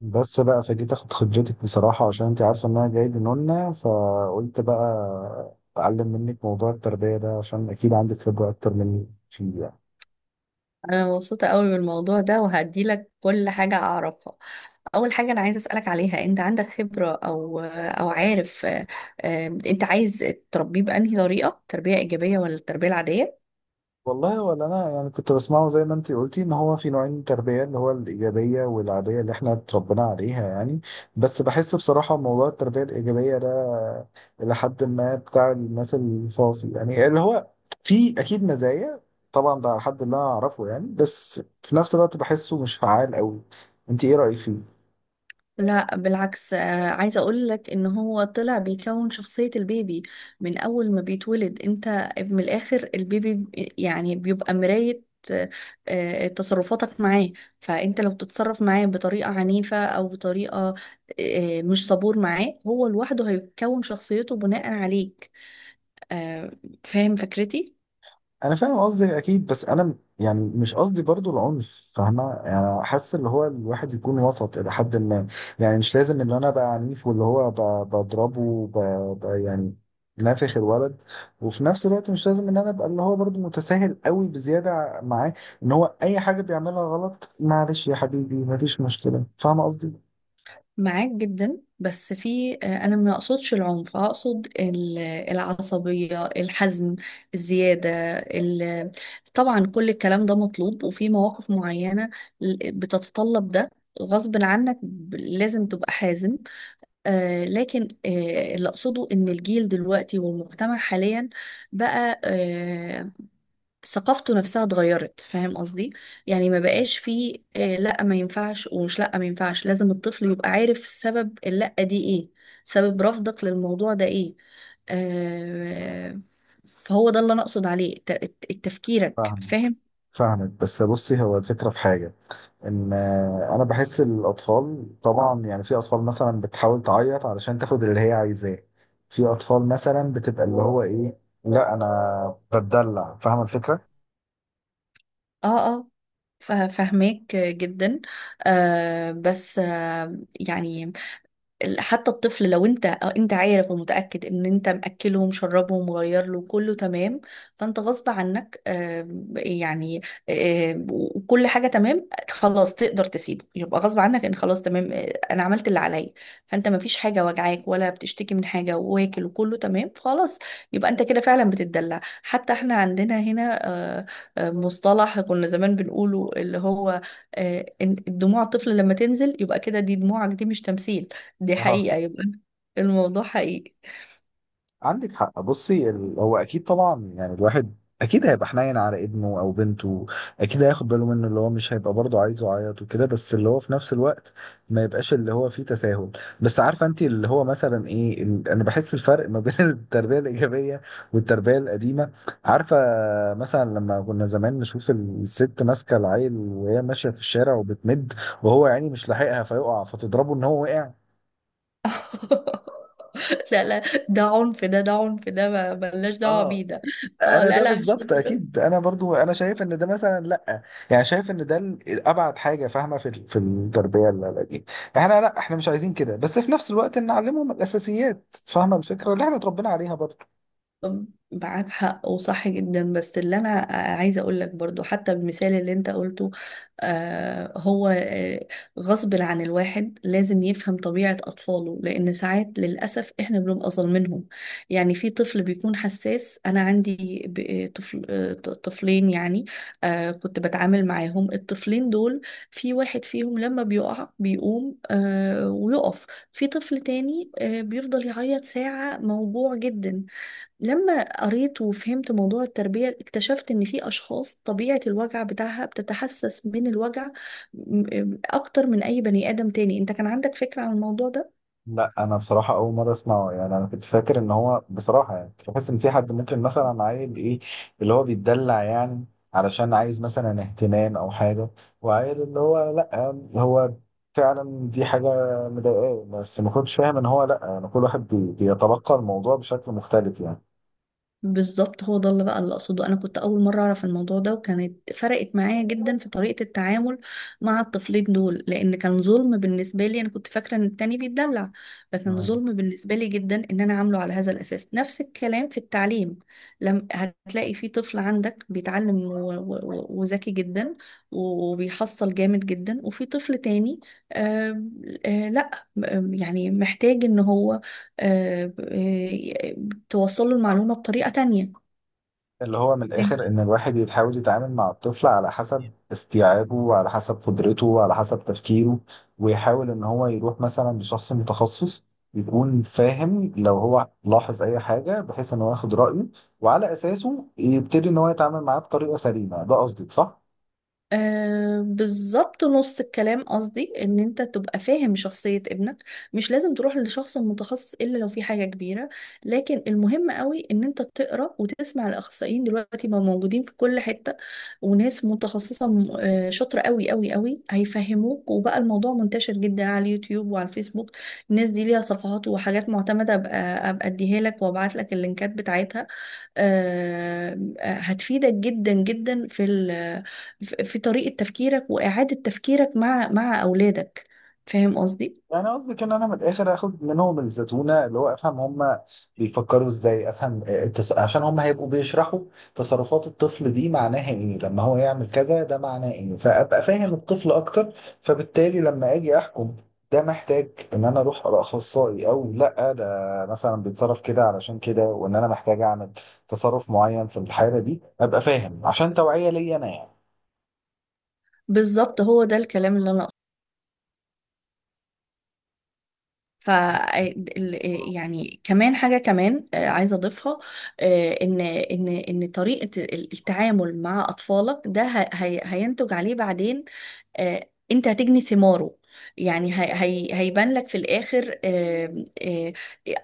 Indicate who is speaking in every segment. Speaker 1: بس بقى فجيت اخد خبرتك بصراحة، عشان انت عارفة ان انا جاي لنونا، فقلت بقى اتعلم منك موضوع التربية ده، عشان اكيد عندك خبرة اكتر مني فيه يعني.
Speaker 2: انا مبسوطه قوي بالموضوع ده وهدي لك كل حاجه اعرفها. اول حاجه انا عايزه اسالك عليها، انت عندك خبره او عارف؟ انت عايز تربيه بانهي طريقه، تربيه ايجابيه ولا التربيه العاديه؟
Speaker 1: والله، ولا انا يعني كنت بسمعه زي ما انت قلتي ان هو في نوعين تربيه، اللي هو الايجابيه والعاديه اللي احنا اتربينا عليها يعني. بس بحس بصراحه موضوع التربيه الايجابيه ده الى حد ما بتاع الناس الفاضي، يعني اللي هو في اكيد مزايا. طبعا ده على حد اللي انا اعرفه يعني، بس في نفس الوقت بحسه مش فعال قوي. انت ايه رايك فيه؟
Speaker 2: لا بالعكس، عايزة اقول لك ان هو طلع بيكون شخصية البيبي من اول ما بيتولد. انت من الاخر، البيبي يعني بيبقى مراية آه، تصرفاتك معاه. فانت لو بتتصرف معاه بطريقة عنيفة او بطريقة مش صبور معاه، هو لوحده هيكون شخصيته بناء عليك آه، فاهم فكرتي؟
Speaker 1: انا فاهم قصدك اكيد، بس انا يعني مش قصدي برضو العنف، فاهمه، يعني حاسس اللي هو الواحد يكون وسط الى حد ما. يعني مش لازم ان انا ابقى عنيف، واللي هو بضربه يعني نافخ الولد. وفي نفس الوقت مش لازم ان انا ابقى اللي هو برضو متساهل قوي بزياده معاه، ان هو اي حاجه بيعملها غلط معلش يا حبيبي مفيش مشكله، فاهمه قصدي.
Speaker 2: معاك جدا، بس في انا ما اقصدش العنف، اقصد العصبيه، الحزم، الزياده، ال- طبعا كل الكلام ده مطلوب وفي مواقف معينه بتتطلب ده، غصب عنك لازم تبقى حازم. لكن اللي اقصده ان الجيل دلوقتي والمجتمع حاليا بقى، ثقافته نفسها اتغيرت، فاهم قصدي؟ يعني ما بقاش فيه لا ما ينفعش، ومش لا ما ينفعش، لازم الطفل يبقى عارف سبب اللا دي ايه، سبب رفضك للموضوع ده ايه آه فهو ده اللي انا اقصد عليه، تفكيرك،
Speaker 1: فاهم.
Speaker 2: فاهم؟
Speaker 1: فاهمك، بس بصي هو الفكره في حاجه، ان انا بحس الاطفال طبعا، يعني في اطفال مثلا بتحاول تعيط علشان تاخد اللي هي عايزاه. في اطفال مثلا بتبقى اللي هو ايه، لا انا بتدلع، فاهم الفكره.
Speaker 2: اه اه، فاهماك جدا. آه بس آه يعني ال- حتى الطفل، لو انت انت عارف ومتأكد ان انت مأكلهم مشربهم مغير له، كله تمام، فانت غصب عنك آم، يعني آم، وكل حاجة تمام خلاص، تقدر تسيبه. يبقى غصب عنك ان خلاص تمام، انا عملت اللي عليا. فانت ما فيش حاجة وجعاك ولا بتشتكي من حاجة، واكل وكله تمام خلاص، يبقى انت كده فعلا بتتدلع. حتى احنا عندنا هنا آه، مصطلح كنا زمان بنقوله، اللي هو ان دموع الطفل لما تنزل يبقى كده، دي دموعك دي مش تمثيل، دي حقيقة، يبقى الموضوع حقيقي.
Speaker 1: عندك حق. بصي هو اكيد طبعا يعني الواحد اكيد هيبقى حنين على ابنه او بنته، اكيد هياخد باله منه، اللي هو مش هيبقى برضه عايزه يعيط وكده، بس اللي هو في نفس الوقت ما يبقاش اللي هو فيه تساهل. بس عارفه انت اللي هو مثلا ايه، انا بحس الفرق ما بين التربيه الايجابيه والتربيه القديمه، عارفه، مثلا لما كنا زمان نشوف الست ماسكه العيل وهي ماشيه في الشارع وبتمد، وهو يعني مش لاحقها فيقع، فتضربه ان هو وقع.
Speaker 2: لا لا، ده عنف، ده عنف ده، ملناش دعوة بيه
Speaker 1: اه،
Speaker 2: ده. اه
Speaker 1: انا
Speaker 2: لا
Speaker 1: ده
Speaker 2: لا، مش
Speaker 1: بالظبط،
Speaker 2: هتضرب.
Speaker 1: اكيد انا برضو انا شايف ان ده مثلا لا. يعني شايف ان ده ابعد حاجه فاهمه في في التربيه دي. احنا لا، احنا مش عايزين كده، بس في نفس الوقت نعلمهم الاساسيات، فاهمه الفكره اللي احنا اتربينا عليها برضو.
Speaker 2: طب معاك حق وصح جدا، بس اللي انا عايزه اقول لك برضو، حتى المثال اللي انت قلته، آه هو آه غصب عن الواحد لازم يفهم طبيعه اطفاله، لان ساعات للاسف احنا بنبقى ظالمينهم. يعني في طفل بيكون حساس، انا عندي طفلين يعني، كنت بتعامل معاهم الطفلين دول، في واحد فيهم لما بيقع بيقوم ويقف، في طفل تاني بيفضل يعيط ساعه موجوع جدا. لما قريت وفهمت موضوع التربية، اكتشفت ان في اشخاص طبيعة الوجع بتاعها بتتحسس من الوجع اكتر من اي بني ادم تاني. انت كان عندك فكرة عن الموضوع ده؟
Speaker 1: لا، انا بصراحه اول مره اسمعه، يعني انا كنت فاكر ان هو بصراحه، يعني كنت بحس ان في حد ممكن مثلا عيل ايه اللي هو بيتدلع، يعني علشان عايز مثلا اهتمام او حاجه، وعيل اللي هو لا، هو فعلا دي حاجه مضايقاه، بس ما كنتش فاهم ان هو لا، يعني كل واحد بيتلقى الموضوع بشكل مختلف.
Speaker 2: بالظبط هو ده اللي بقى اللي اقصده، انا كنت اول مره اعرف الموضوع ده، وكانت فرقت معايا جدا في طريقه التعامل مع الطفلين دول، لان كان ظلم بالنسبه لي. انا كنت فاكره ان التاني بيتدلع، فكان
Speaker 1: يعني
Speaker 2: ظلم بالنسبه لي جدا ان انا عامله على هذا الاساس. نفس الكلام في التعليم، لم هتلاقي في طفل عندك بيتعلم وذكي جدا وبيحصل جامد جدا، وفي طفل تاني آه آه لا آه، يعني محتاج ان هو آه، آه، توصل له المعلومة بطريقة تانية.
Speaker 1: اللي هو من الآخر إن الواحد يحاول يتعامل مع الطفل على حسب استيعابه وعلى حسب قدرته وعلى حسب تفكيره، ويحاول إن هو يروح مثلا لشخص متخصص يكون فاهم، لو هو لاحظ أي حاجة، بحيث إن هو ياخد رأيه وعلى أساسه يبتدي إن هو يتعامل معاه بطريقة سليمة. ده قصدك صح؟
Speaker 2: بالظبط، نص الكلام قصدي ان انت تبقى فاهم شخصية ابنك، مش لازم تروح لشخص متخصص الا لو في حاجة كبيرة. لكن المهم قوي ان انت تقرأ وتسمع، الاخصائيين دلوقتي ما موجودين في كل حتة، وناس متخصصة شاطرة قوي قوي قوي، هيفهموك، وبقى الموضوع منتشر جدا على اليوتيوب وعلى الفيسبوك. الناس دي ليها صفحات وحاجات معتمدة، ابقى اديها لك وابعت لك اللينكات بتاعتها. هتفيدك جدا جدا في ال- في طريقة تفكيرك وإعادة تفكيرك مع أولادك، فاهم قصدي؟
Speaker 1: يعني قصدك ان انا من الاخر اخد منهم الزتونه، اللي هو افهم هم بيفكروا ازاي، افهم، عشان هم هيبقوا بيشرحوا تصرفات الطفل دي معناها ايه، لما هو يعمل كذا ده معناه ايه، فابقى فاهم الطفل اكتر. فبالتالي لما اجي احكم، ده محتاج ان انا اروح لاخصائي، او لا ده مثلا بيتصرف كده علشان كده، وان انا محتاج اعمل تصرف معين في الحاله دي، ابقى فاهم عشان توعيه ليا انا يعني.
Speaker 2: بالظبط هو ده الكلام اللي أنا أقصده. ف آه، ال- آه، يعني كمان حاجة كمان عايزة أضيفها، إن طريقة التعامل مع أطفالك ده هينتج عليه بعدين، انت هتجني ثماره. يعني هي هيبان لك في الاخر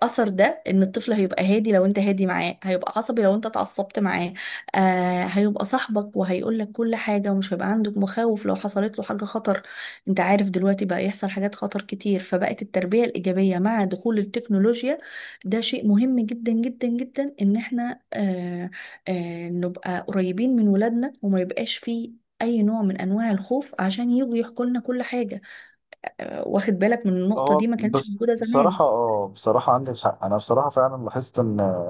Speaker 2: اثر ده، ان الطفل هيبقى هادي لو انت هادي معاه، هيبقى عصبي لو انت اتعصبت معاه، هيبقى صاحبك وهيقول لك كل حاجة، ومش هيبقى عندك مخاوف لو حصلت له حاجة خطر. انت عارف دلوقتي بقى يحصل حاجات خطر كتير، فبقت التربية الإيجابية مع دخول التكنولوجيا ده شيء مهم جدا جدا جدا، ان احنا نبقى قريبين من ولادنا، وما يبقاش فيه اي نوع من انواع الخوف، عشان يجوا يحكوا لنا كل حاجه. واخد بالك من النقطه
Speaker 1: هو
Speaker 2: دي، ما كانتش
Speaker 1: بس
Speaker 2: موجوده زمان.
Speaker 1: بصراحة، اه بصراحة عندك حق، أنا بصراحة فعلا لاحظت إن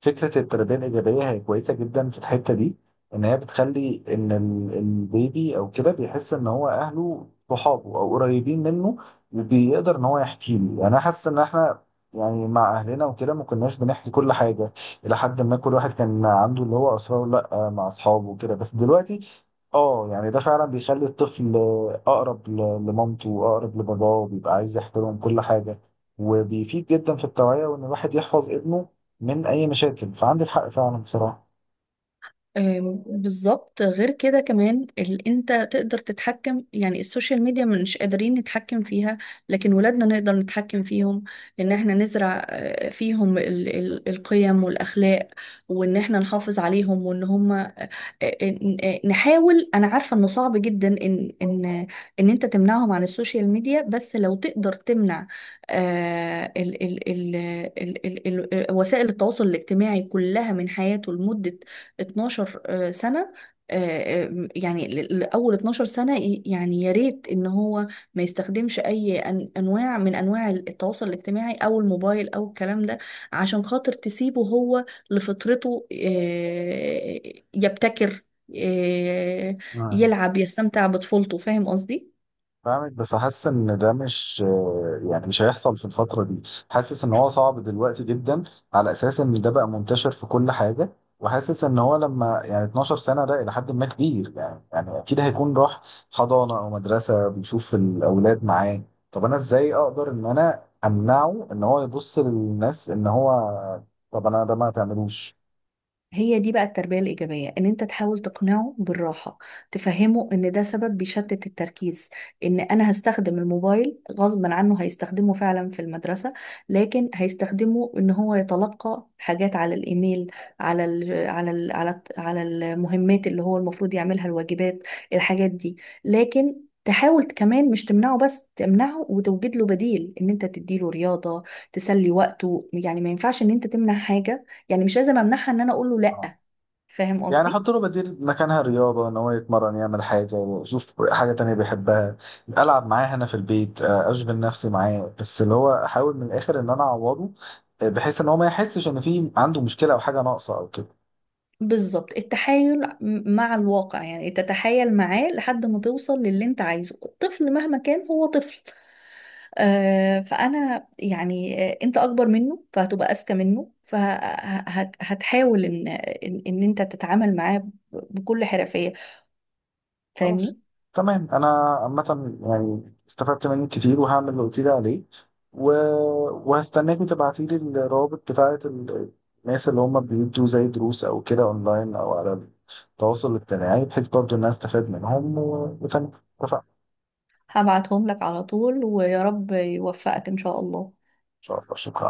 Speaker 1: فكرة التربية الإيجابية هي كويسة جدا في الحتة دي، إن هي بتخلي إن البيبي أو كده بيحس إن هو أهله صحابه أو قريبين منه، وبيقدر إن هو يحكي له. يعني أنا حاسس إن إحنا يعني مع أهلنا وكده ما كناش بنحكي كل حاجة، إلى حد ما كل واحد كان عنده اللي هو أسراره، لأ مع أصحابه وكده، بس دلوقتي اه يعني ده فعلا بيخلي الطفل اقرب لمامته واقرب لباباه، وبيبقى عايز يحترم كل حاجه، وبيفيد جدا في التوعيه، وان الواحد يحفظ ابنه من اي مشاكل. فعندك حق فعلا بصراحه.
Speaker 2: بالظبط. غير كده كمان انت تقدر تتحكم، يعني السوشيال ميديا مش قادرين نتحكم فيها، لكن ولادنا نقدر نتحكم فيهم. ان احنا نزرع فيهم القيم والاخلاق، وان احنا نحافظ عليهم، وان هم نحاول. انا عارفه انه صعب جدا ان انت تمنعهم عن السوشيال ميديا، بس لو تقدر تمنع آه، ال ال ال ال ال ال وسائل التواصل الاجتماعي كلها من حياته لمده 12 سنه يعني لأول 12 سنة يعني يا ريت إن هو ما يستخدمش أي أنواع من أنواع التواصل الاجتماعي أو الموبايل أو الكلام ده، عشان خاطر تسيبه هو لفطرته، يبتكر آه،
Speaker 1: آه.
Speaker 2: يلعب، يستمتع بطفولته، فاهم قصدي؟
Speaker 1: فاهمك، بس حاسس ان ده مش، يعني مش هيحصل في الفتره دي، حاسس ان هو صعب دلوقتي جدا، على اساس ان ده بقى منتشر في كل حاجه. وحاسس ان هو لما يعني 12 سنه، ده الى حد ما كبير يعني اكيد هيكون راح حضانه او مدرسه بيشوف الاولاد معاه. طب انا ازاي اقدر ان انا امنعه ان هو يبص للناس ان هو، طب انا ده ما تعملوش.
Speaker 2: هي دي بقى التربية الإيجابية، إن أنت تحاول تقنعه بالراحة، تفهمه إن ده سبب بيشتت التركيز، إن أنا هستخدم الموبايل غصبا عنه هيستخدمه فعلا في المدرسة، لكن هيستخدمه إن هو يتلقى حاجات على الإيميل، على على المهمات، اللي هو المفروض يعملها، الواجبات، الحاجات دي. لكن تحاول كمان، مش تمنعه بس، تمنعه وتوجد له بديل، ان انت تديله رياضة تسلي وقته. يعني ما ينفعش ان انت تمنع حاجة، يعني مش لازم امنعها، ان انا اقول له لا، فاهم
Speaker 1: يعني
Speaker 2: قصدي؟
Speaker 1: حط له بديل مكانها رياضة، إن هو يتمرن، يعمل حاجة، يشوف حاجة تانية بيحبها، ألعب معاه هنا في البيت، أشغل نفسي معاه، بس اللي هو أحاول من الآخر إن أنا أعوضه، بحيث إن هو ما يحسش إن في عنده مشكلة أو حاجة ناقصة أو كده.
Speaker 2: بالظبط، التحايل مع الواقع، يعني تتحايل معاه لحد ما توصل للي انت عايزه، الطفل مهما كان هو طفل، فانا يعني انت اكبر منه فهتبقى اذكى منه، فهتحاول ان ان إن انت تتعامل معاه بكل حرفية،
Speaker 1: خلاص،
Speaker 2: فاهمني؟
Speaker 1: تمام. انا عامه يعني استفدت منك كتير، وهعمل اللي قلت لي عليه، و... وهستناكي تبعتي لي الروابط بتاعه الناس اللي هم بيدوا زي دروس او كده اونلاين او على التواصل الاجتماعي، بحيث برضو الناس تستفاد منهم، وتمام، اتفقنا.
Speaker 2: هبعتهم لك على طول، ويا رب يوفقك ان شاء الله.
Speaker 1: ان شاء الله، شكرا.